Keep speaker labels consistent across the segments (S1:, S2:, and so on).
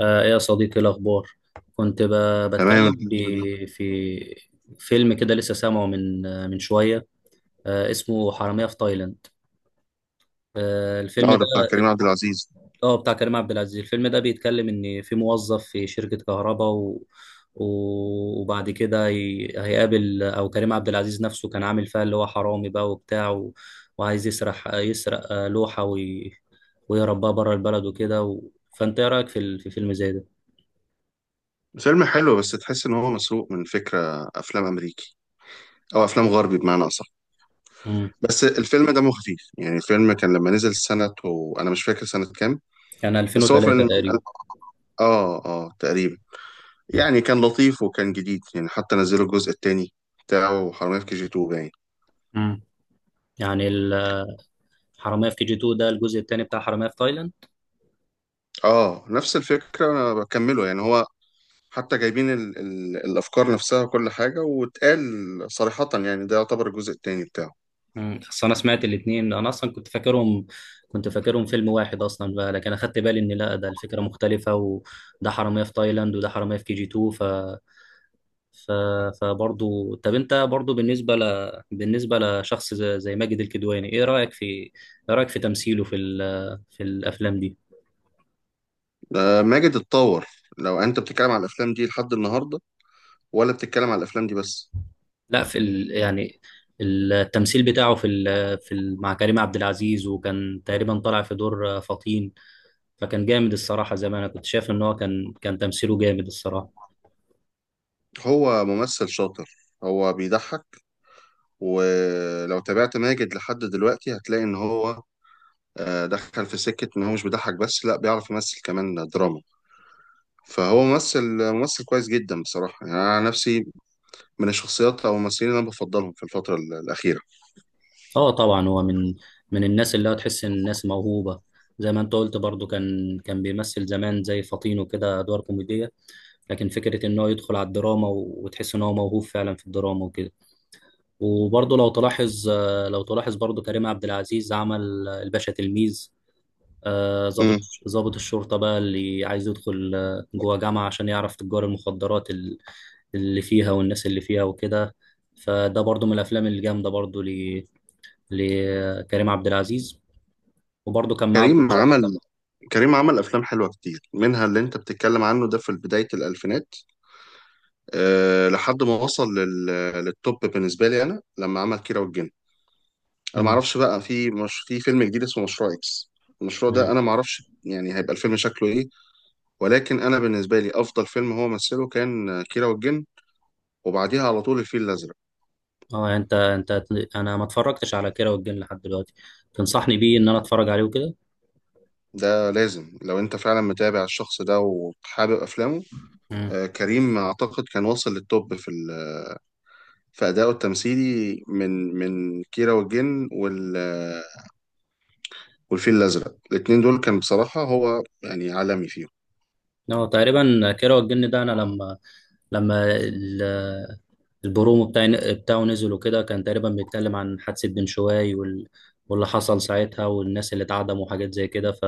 S1: ايه يا صديقي الأخبار؟ كنت
S2: تمام،
S1: بتكلم
S2: الحمد لله.
S1: في فيلم كده، لسه سامعه من من شوية، اسمه حرامية في تايلاند. الفيلم
S2: اه، ده
S1: ده
S2: بتاع كريم عبد العزيز.
S1: اه بتاع كريم عبد العزيز. الفيلم ده بيتكلم إن في موظف في شركة كهرباء وبعد كده هيقابل، أو كريم عبد العزيز نفسه كان عامل فيها اللي هو حرامي بقى وبتاع، وعايز يسرح يسرق لوحة ويهرب بقى بره البلد وكده و... فأنت إيه رأيك في في فيلم زي ده؟
S2: فيلم حلو بس تحس ان هو مسروق من فكره افلام امريكي، او افلام غربي بمعنى اصح.
S1: مم.
S2: بس الفيلم دمه خفيف. يعني الفيلم كان لما نزل سنه وانا مش فاكر سنه كام.
S1: كان
S2: بس هو
S1: 2003
S2: فيلم
S1: تقريبا.
S2: اه تقريبا. يعني كان لطيف وكان جديد، يعني حتى نزلوا الجزء التاني بتاعه حرامية في كي جي 2 باين.
S1: مم. يعني الحرامية في كي جي 2 ده الجزء الثاني بتاع حرامية في تايلاند.
S2: اه، نفس الفكره، انا بكمله. يعني هو حتى جايبين ال الافكار نفسها وكل حاجه، واتقال صريحه. يعني ده يعتبر الجزء التاني بتاعه.
S1: مم. بس انا سمعت الاثنين، انا اصلا كنت فاكرهم فيلم واحد اصلا بقى، لكن اخدت بالي ان لا، ده الفكرة مختلفة، وده حرامية في تايلاند وده حرامية في كي جي 2. ف ف فبرضو، طب انت برضو بالنسبة بالنسبة لشخص زي ماجد الكدواني، ايه رأيك في، ايه رأيك في تمثيله في في الافلام دي؟
S2: ماجد اتطور. لو انت بتتكلم على الافلام دي لحد النهارده، ولا بتتكلم على الافلام دي بس؟
S1: لا، في يعني التمثيل بتاعه في مع كريم عبد العزيز، وكان تقريبا طالع في دور فطين، فكان جامد الصراحة. زي ما انا كنت شايف ان هو كان تمثيله جامد الصراحة.
S2: هو ممثل شاطر، هو بيضحك. ولو تابعت ماجد لحد دلوقتي هتلاقي ان هو دخل في سكة ان هو مش بيضحك بس، لا بيعرف يمثل كمان دراما. فهو ممثل، ممثل كويس جدا بصراحة. يعني أنا نفسي من الشخصيات أو الممثلين اللي أنا بفضلهم في الفترة الأخيرة.
S1: اه طبعا، هو من من الناس اللي هو تحس ان الناس موهوبة. زي ما انت قلت برضو، كان بيمثل زمان زي فطين وكده ادوار كوميدية، لكن فكرة ان هو يدخل على الدراما و... وتحس ان هو موهوب فعلا في الدراما وكده. وبرضو لو تلاحظ برضو، كريم عبد العزيز عمل الباشا تلميذ، ضابط،
S2: مم.
S1: ضابط الشرطة بقى، اللي عايز يدخل جوه جامعة عشان يعرف تجار المخدرات اللي فيها والناس اللي فيها وكده. فده برضو من الأفلام الجامدة برضو لكريم عبد العزيز، وبرضو كان معاه.
S2: كريم عمل كريم عمل أفلام حلوة كتير، منها اللي أنت بتتكلم عنه ده في بداية الألفينات. أه، لحد ما وصل للتوب بالنسبه لي انا، لما عمل كيرة والجن. انا ما
S1: مم.
S2: اعرفش بقى، في مش... في فيلم جديد اسمه مشروع اكس. المشروع ده
S1: مم.
S2: انا ما اعرفش يعني هيبقى الفيلم شكله ايه. ولكن انا بالنسبه لي افضل فيلم هو مثله كان كيرة والجن، وبعديها على طول الفيل الازرق.
S1: اه، يعني انت انا ما اتفرجتش على كيرة والجن لحد دلوقتي. تنصحني بيه ان انا اتفرج عليه وكده؟
S2: ده لازم لو انت فعلا متابع الشخص ده وحابب افلامه.
S1: مم.
S2: كريم اعتقد كان واصل للتوب في ادائه التمثيلي، من كيرة والجن والفيل الازرق. الاتنين دول كان بصراحه هو يعني عالمي فيهم.
S1: اه تقريبا كيرة والجن ده، انا لما، لما البرومو بتاعه نزل وكده، كان تقريبا بيتكلم عن حادثة بن شوي واللي حصل ساعتها والناس اللي اتعدموا وحاجات زي كده،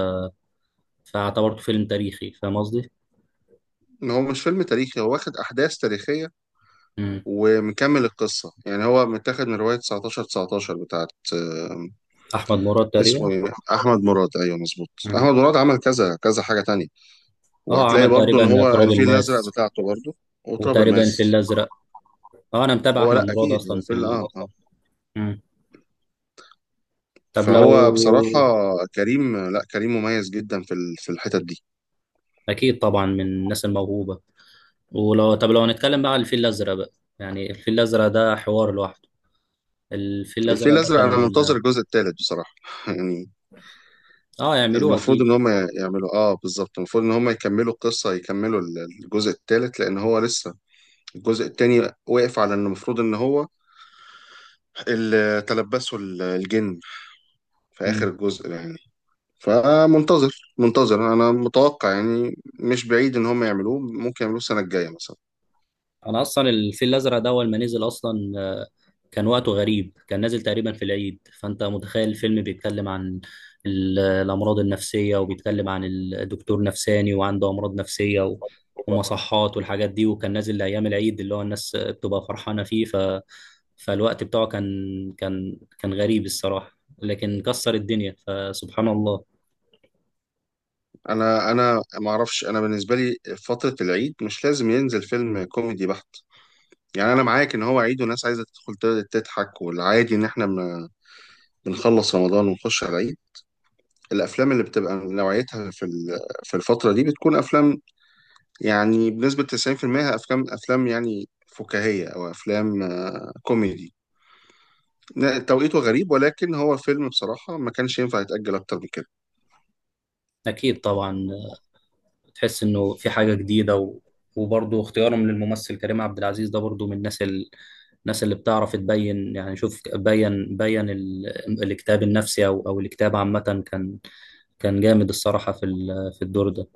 S1: فاعتبرته فيلم تاريخي، فاهم قصدي؟
S2: ان هو مش فيلم تاريخي، هو واخد احداث تاريخيه
S1: مم.
S2: ومكمل القصه. يعني هو متاخد من روايه 19 19 بتاعت. آه،
S1: أحمد مراد تقريبا.
S2: اسمه إيه؟ احمد مراد، ايوه مظبوط.
S1: مم.
S2: احمد مراد عمل كذا كذا حاجه تانية.
S1: اه
S2: وهتلاقي
S1: عمل
S2: برضو ان
S1: تقريبا
S2: هو
S1: تراب
S2: الفيل الازرق
S1: الماس،
S2: بتاعته برضو، وتراب
S1: وتقريبا الفيل
S2: الماس.
S1: الأزرق. اه، أنا متابع
S2: هو
S1: أحمد
S2: لا
S1: مراد
S2: اكيد هو
S1: أصلا في
S2: فيلم اه.
S1: مم. طب لو
S2: فهو بصراحه، كريم لا كريم مميز جدا في الحتت دي.
S1: أكيد طبعا من الناس الموهوبة. ولو، طب لو هنتكلم بقى عن الفيل الأزرق بقى، يعني الفيل الأزرق ده حوار لوحده. الفيل الأزرق
S2: الفيل
S1: ده
S2: الازرق انا
S1: كان،
S2: منتظر الجزء الثالث بصراحه. يعني
S1: اه يعملوه
S2: المفروض
S1: أكيد.
S2: ان هم يعملوا. اه بالظبط، المفروض ان هم يكملوا القصة، يكملوا الجزء الثالث. لان هو لسه الجزء الثاني واقف على ان المفروض ان هو اللي تلبسه الجن في اخر الجزء يعني. فمنتظر، منتظر انا. متوقع يعني مش بعيد ان هم يعملوه، ممكن يعملوه السنة الجاية مثلا.
S1: انا اصلا الفيل الازرق ده اول ما نزل اصلا، كان وقته غريب، كان نازل تقريبا في العيد، فانت متخيل الفيلم بيتكلم عن الامراض النفسيه، وبيتكلم عن الدكتور نفساني وعنده امراض نفسيه ومصحات والحاجات دي، وكان نازل لايام العيد اللي هو الناس بتبقى فرحانه فيه. فالوقت بتاعه كان، كان غريب الصراحه، لكن كسر الدنيا فسبحان الله.
S2: انا ما اعرفش. انا بالنسبة لي فترة العيد مش لازم ينزل فيلم كوميدي بحت. يعني انا معاك ان هو عيد والناس عايزة تدخل تضحك. والعادي ان احنا بنخلص رمضان ونخش على العيد. الافلام اللي بتبقى نوعيتها في الفتره دي بتكون افلام يعني بنسبه 90%، افلام يعني فكاهيه او افلام كوميدي. توقيته غريب، ولكن هو فيلم بصراحه ما كانش ينفع يتاجل اكتر من كده.
S1: اكيد طبعا، تحس انه في حاجه جديده و... وبرضه اختيارهم للممثل كريم عبد العزيز ده برضه من الناس الناس اللي بتعرف تبين، يعني شوف بين بين الاكتئاب النفسي، او الاكتئاب عامه، كان كان جامد الصراحه في في الدور ده.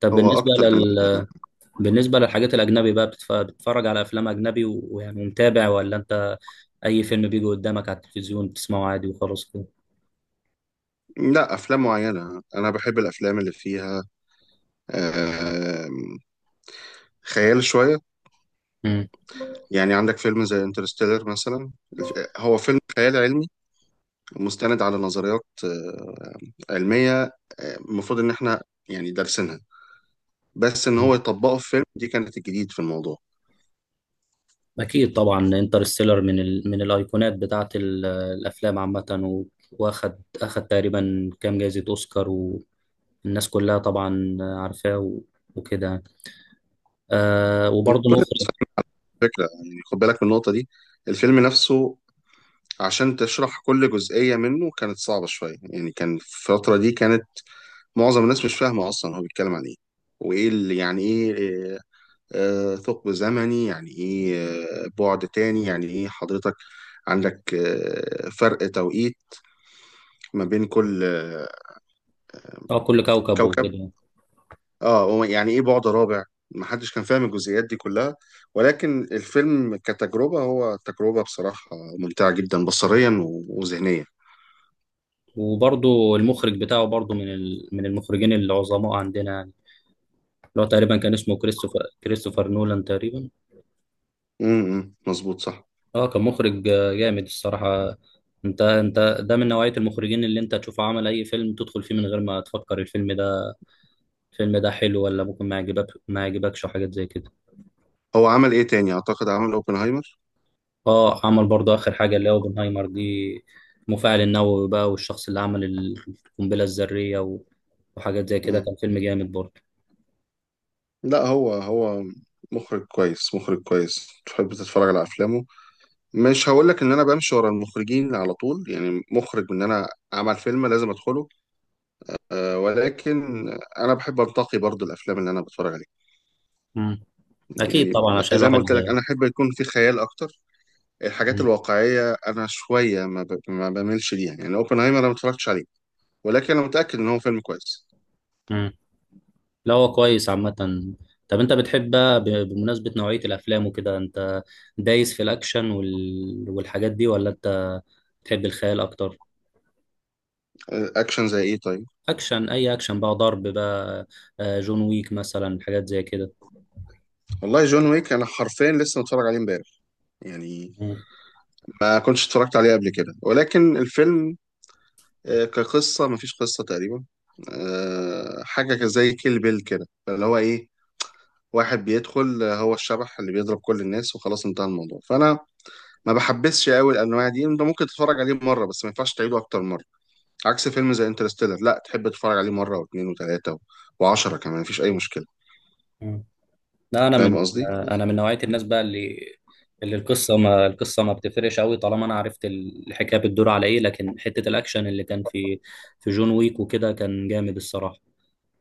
S1: طب
S2: هو
S1: بالنسبه
S2: اكتر من
S1: بالنسبه للحاجات الاجنبي بقى، بتتفرج على افلام اجنبي و... ويعني ومتابع، ولا انت اي فيلم بيجي قدامك على التلفزيون بتسمعه عادي وخلاص كده؟
S2: لا، افلام معينه انا بحب. الافلام اللي فيها آه، خيال شويه. يعني عندك فيلم زي انترستيلر مثلا. هو فيلم خيال علمي مستند على نظريات علميه. المفروض ان احنا يعني دارسينها. بس ان هو
S1: مم.
S2: يطبقه في فيلم، دي كانت الجديد في الموضوع.
S1: أكيد طبعا، انترستيلر من من الأيقونات بتاعة الأفلام عامة و... وأخد تقريبا كام جايزة أوسكار، والناس كلها طبعا عارفاه و... وكده يعني. آه،
S2: كل
S1: وبرضه
S2: الناس
S1: المخرج،
S2: على فكره، يعني خد بالك من النقطه دي. الفيلم نفسه عشان تشرح كل جزئيه منه كانت صعبه شويه. يعني كان في الفتره دي كانت معظم الناس مش فاهمه اصلا هو بيتكلم عن ايه، وايه اللي يعني ايه. آه، ثقب زمني يعني ايه؟ بعد تاني يعني ايه حضرتك؟ عندك فرق توقيت ما بين كل
S1: اه كل كوكب
S2: كوكب.
S1: وكده يعني.
S2: اه، هو يعني ايه بعد رابع؟ محدش كان فاهم الجزئيات دي كلها. ولكن الفيلم كتجربة، هو تجربة بصراحة ممتعة جدا بصريا وذهنيا.
S1: وبرضه المخرج بتاعه برضه من من المخرجين العظماء عندنا يعني، اللي هو تقريبا كان اسمه كريستوفر، كريستوفر نولان تقريبا.
S2: امم، مظبوط، صح.
S1: اه كان مخرج جامد الصراحة. انت ده من نوعية المخرجين اللي انت تشوف عمل اي فيلم تدخل فيه من غير ما تفكر الفيلم ده، الفيلم ده حلو ولا ممكن ما يعجبك، ما يعجبكش وحاجات زي كده.
S2: هو عمل ايه تاني؟ اعتقد عمل اوبنهايمر.
S1: اه عمل برضه اخر حاجه اللي هو اوبنهايمر دي، المفاعل النووي بقى، والشخص اللي عمل القنبله الذريه وحاجات زي كده. كان
S2: امم.
S1: فيلم جامد برضه.
S2: لا هو مخرج كويس، مخرج كويس تحب تتفرج على افلامه. مش هقول لك ان انا بمشي ورا المخرجين على طول. يعني مخرج ان انا عمل فيلم لازم ادخله، آه ولكن انا بحب انتقي برضو الافلام اللي انا بتفرج عليها.
S1: مم. اكيد
S2: يعني
S1: طبعا عشان
S2: زي ما
S1: الواحد.
S2: قلت لك، انا احب يكون في خيال اكتر. الحاجات
S1: مم.
S2: الواقعيه انا شويه ما بميلش ليها. يعني اوبنهايمر انا ما اتفرجتش عليه، ولكن انا متاكد ان هو فيلم كويس.
S1: مم. لا هو كويس عامه. طب انت بتحب بقى بمناسبه نوعيه الافلام وكده، انت دايس في الاكشن والحاجات دي، ولا انت بتحب الخيال اكتر؟
S2: اكشن زي ايه طيب؟
S1: اكشن، اي اكشن بقى ضرب بقى، جون ويك مثلا، حاجات زي كده.
S2: والله جون ويك انا حرفيا لسه متفرج عليه امبارح. يعني ما كنتش اتفرجت عليه قبل كده، ولكن الفيلم كقصه ما فيش قصه تقريبا. حاجه زي كيل بيل كده. اللي هو ايه، واحد بيدخل، هو الشبح اللي بيضرب كل الناس وخلاص انتهى الموضوع. فانا ما بحبسش قوي الانواع دي. انت ممكن تتفرج عليه مره بس ما ينفعش تعيده اكتر من مره. عكس فيلم زي انترستيلر، لا، تحب تتفرج عليه مره واثنين وثلاثه و... وعشرة كمان مفيش اي مشكله.
S1: مم. لا انا من،
S2: فاهم قصدي؟
S1: انا من نوعيه الناس بقى اللي، اللي القصه ما، القصه ما بتفرقش قوي طالما انا عرفت الحكايه بتدور على ايه، لكن حته الاكشن اللي كان في، في جون ويك وكده كان جامد الصراحه.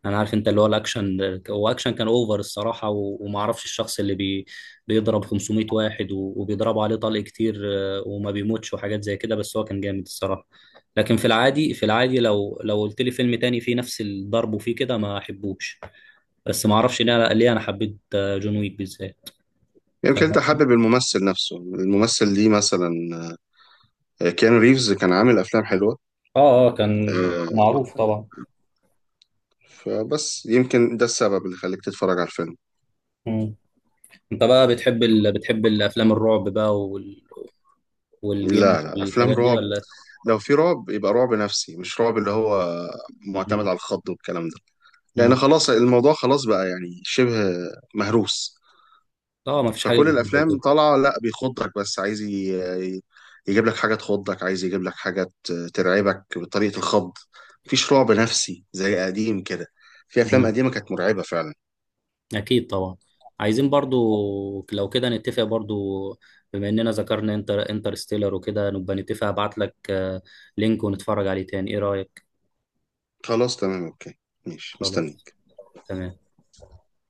S1: انا عارف، انت اللي هو الاكشن، هو اكشن كان اوفر الصراحه وما اعرفش الشخص اللي بيضرب 500 واحد وبيضربوا عليه طلق كتير، وما بيموتش وحاجات زي كده، بس هو كان جامد الصراحه. لكن في العادي، في العادي لو قلت لي فيلم تاني فيه نفس الضرب وفيه كده ما احبوش، بس ما اعرفش ليه، انا حبيت جون ويك بالذات.
S2: يمكن
S1: فاهم
S2: انت
S1: قصدي؟
S2: حابب الممثل نفسه. الممثل ليه مثلا؟ كيانو ريفز كان عامل افلام حلوه.
S1: اه اه كان
S2: آه،
S1: معروف طبعا.
S2: فبس يمكن ده السبب اللي خليك تتفرج على الفيلم.
S1: مم. انت بقى بتحب بتحب الافلام الرعب بقى والجن
S2: لا لا، افلام
S1: والحاجات دي،
S2: رعب
S1: ولا؟
S2: لو في رعب يبقى رعب نفسي، مش رعب اللي هو معتمد
S1: مم.
S2: على الخض والكلام ده. لان
S1: مم.
S2: خلاص، الموضوع خلاص بقى يعني شبه مهروس.
S1: اه ما فيش حاجه
S2: فكل
S1: جديده
S2: الافلام
S1: وكده.
S2: طالعه لا بيخضك، بس عايز يجيب لك حاجه تخضك، عايز يجيب لك حاجه ترعبك بطريقه الخض. مفيش رعب نفسي زي قديم كده. في افلام
S1: مم.
S2: قديمه كانت مرعبه فعلا.
S1: اكيد طبعا. عايزين برضو، لو كده نتفق برضو، بما اننا ذكرنا انترستيلر وكده، نبقى نتفق ابعت لك لينك ونتفرج عليه تاني، ايه رايك؟
S2: خلاص تمام، اوكي. ماشي،
S1: خلاص
S2: مستني.
S1: تمام.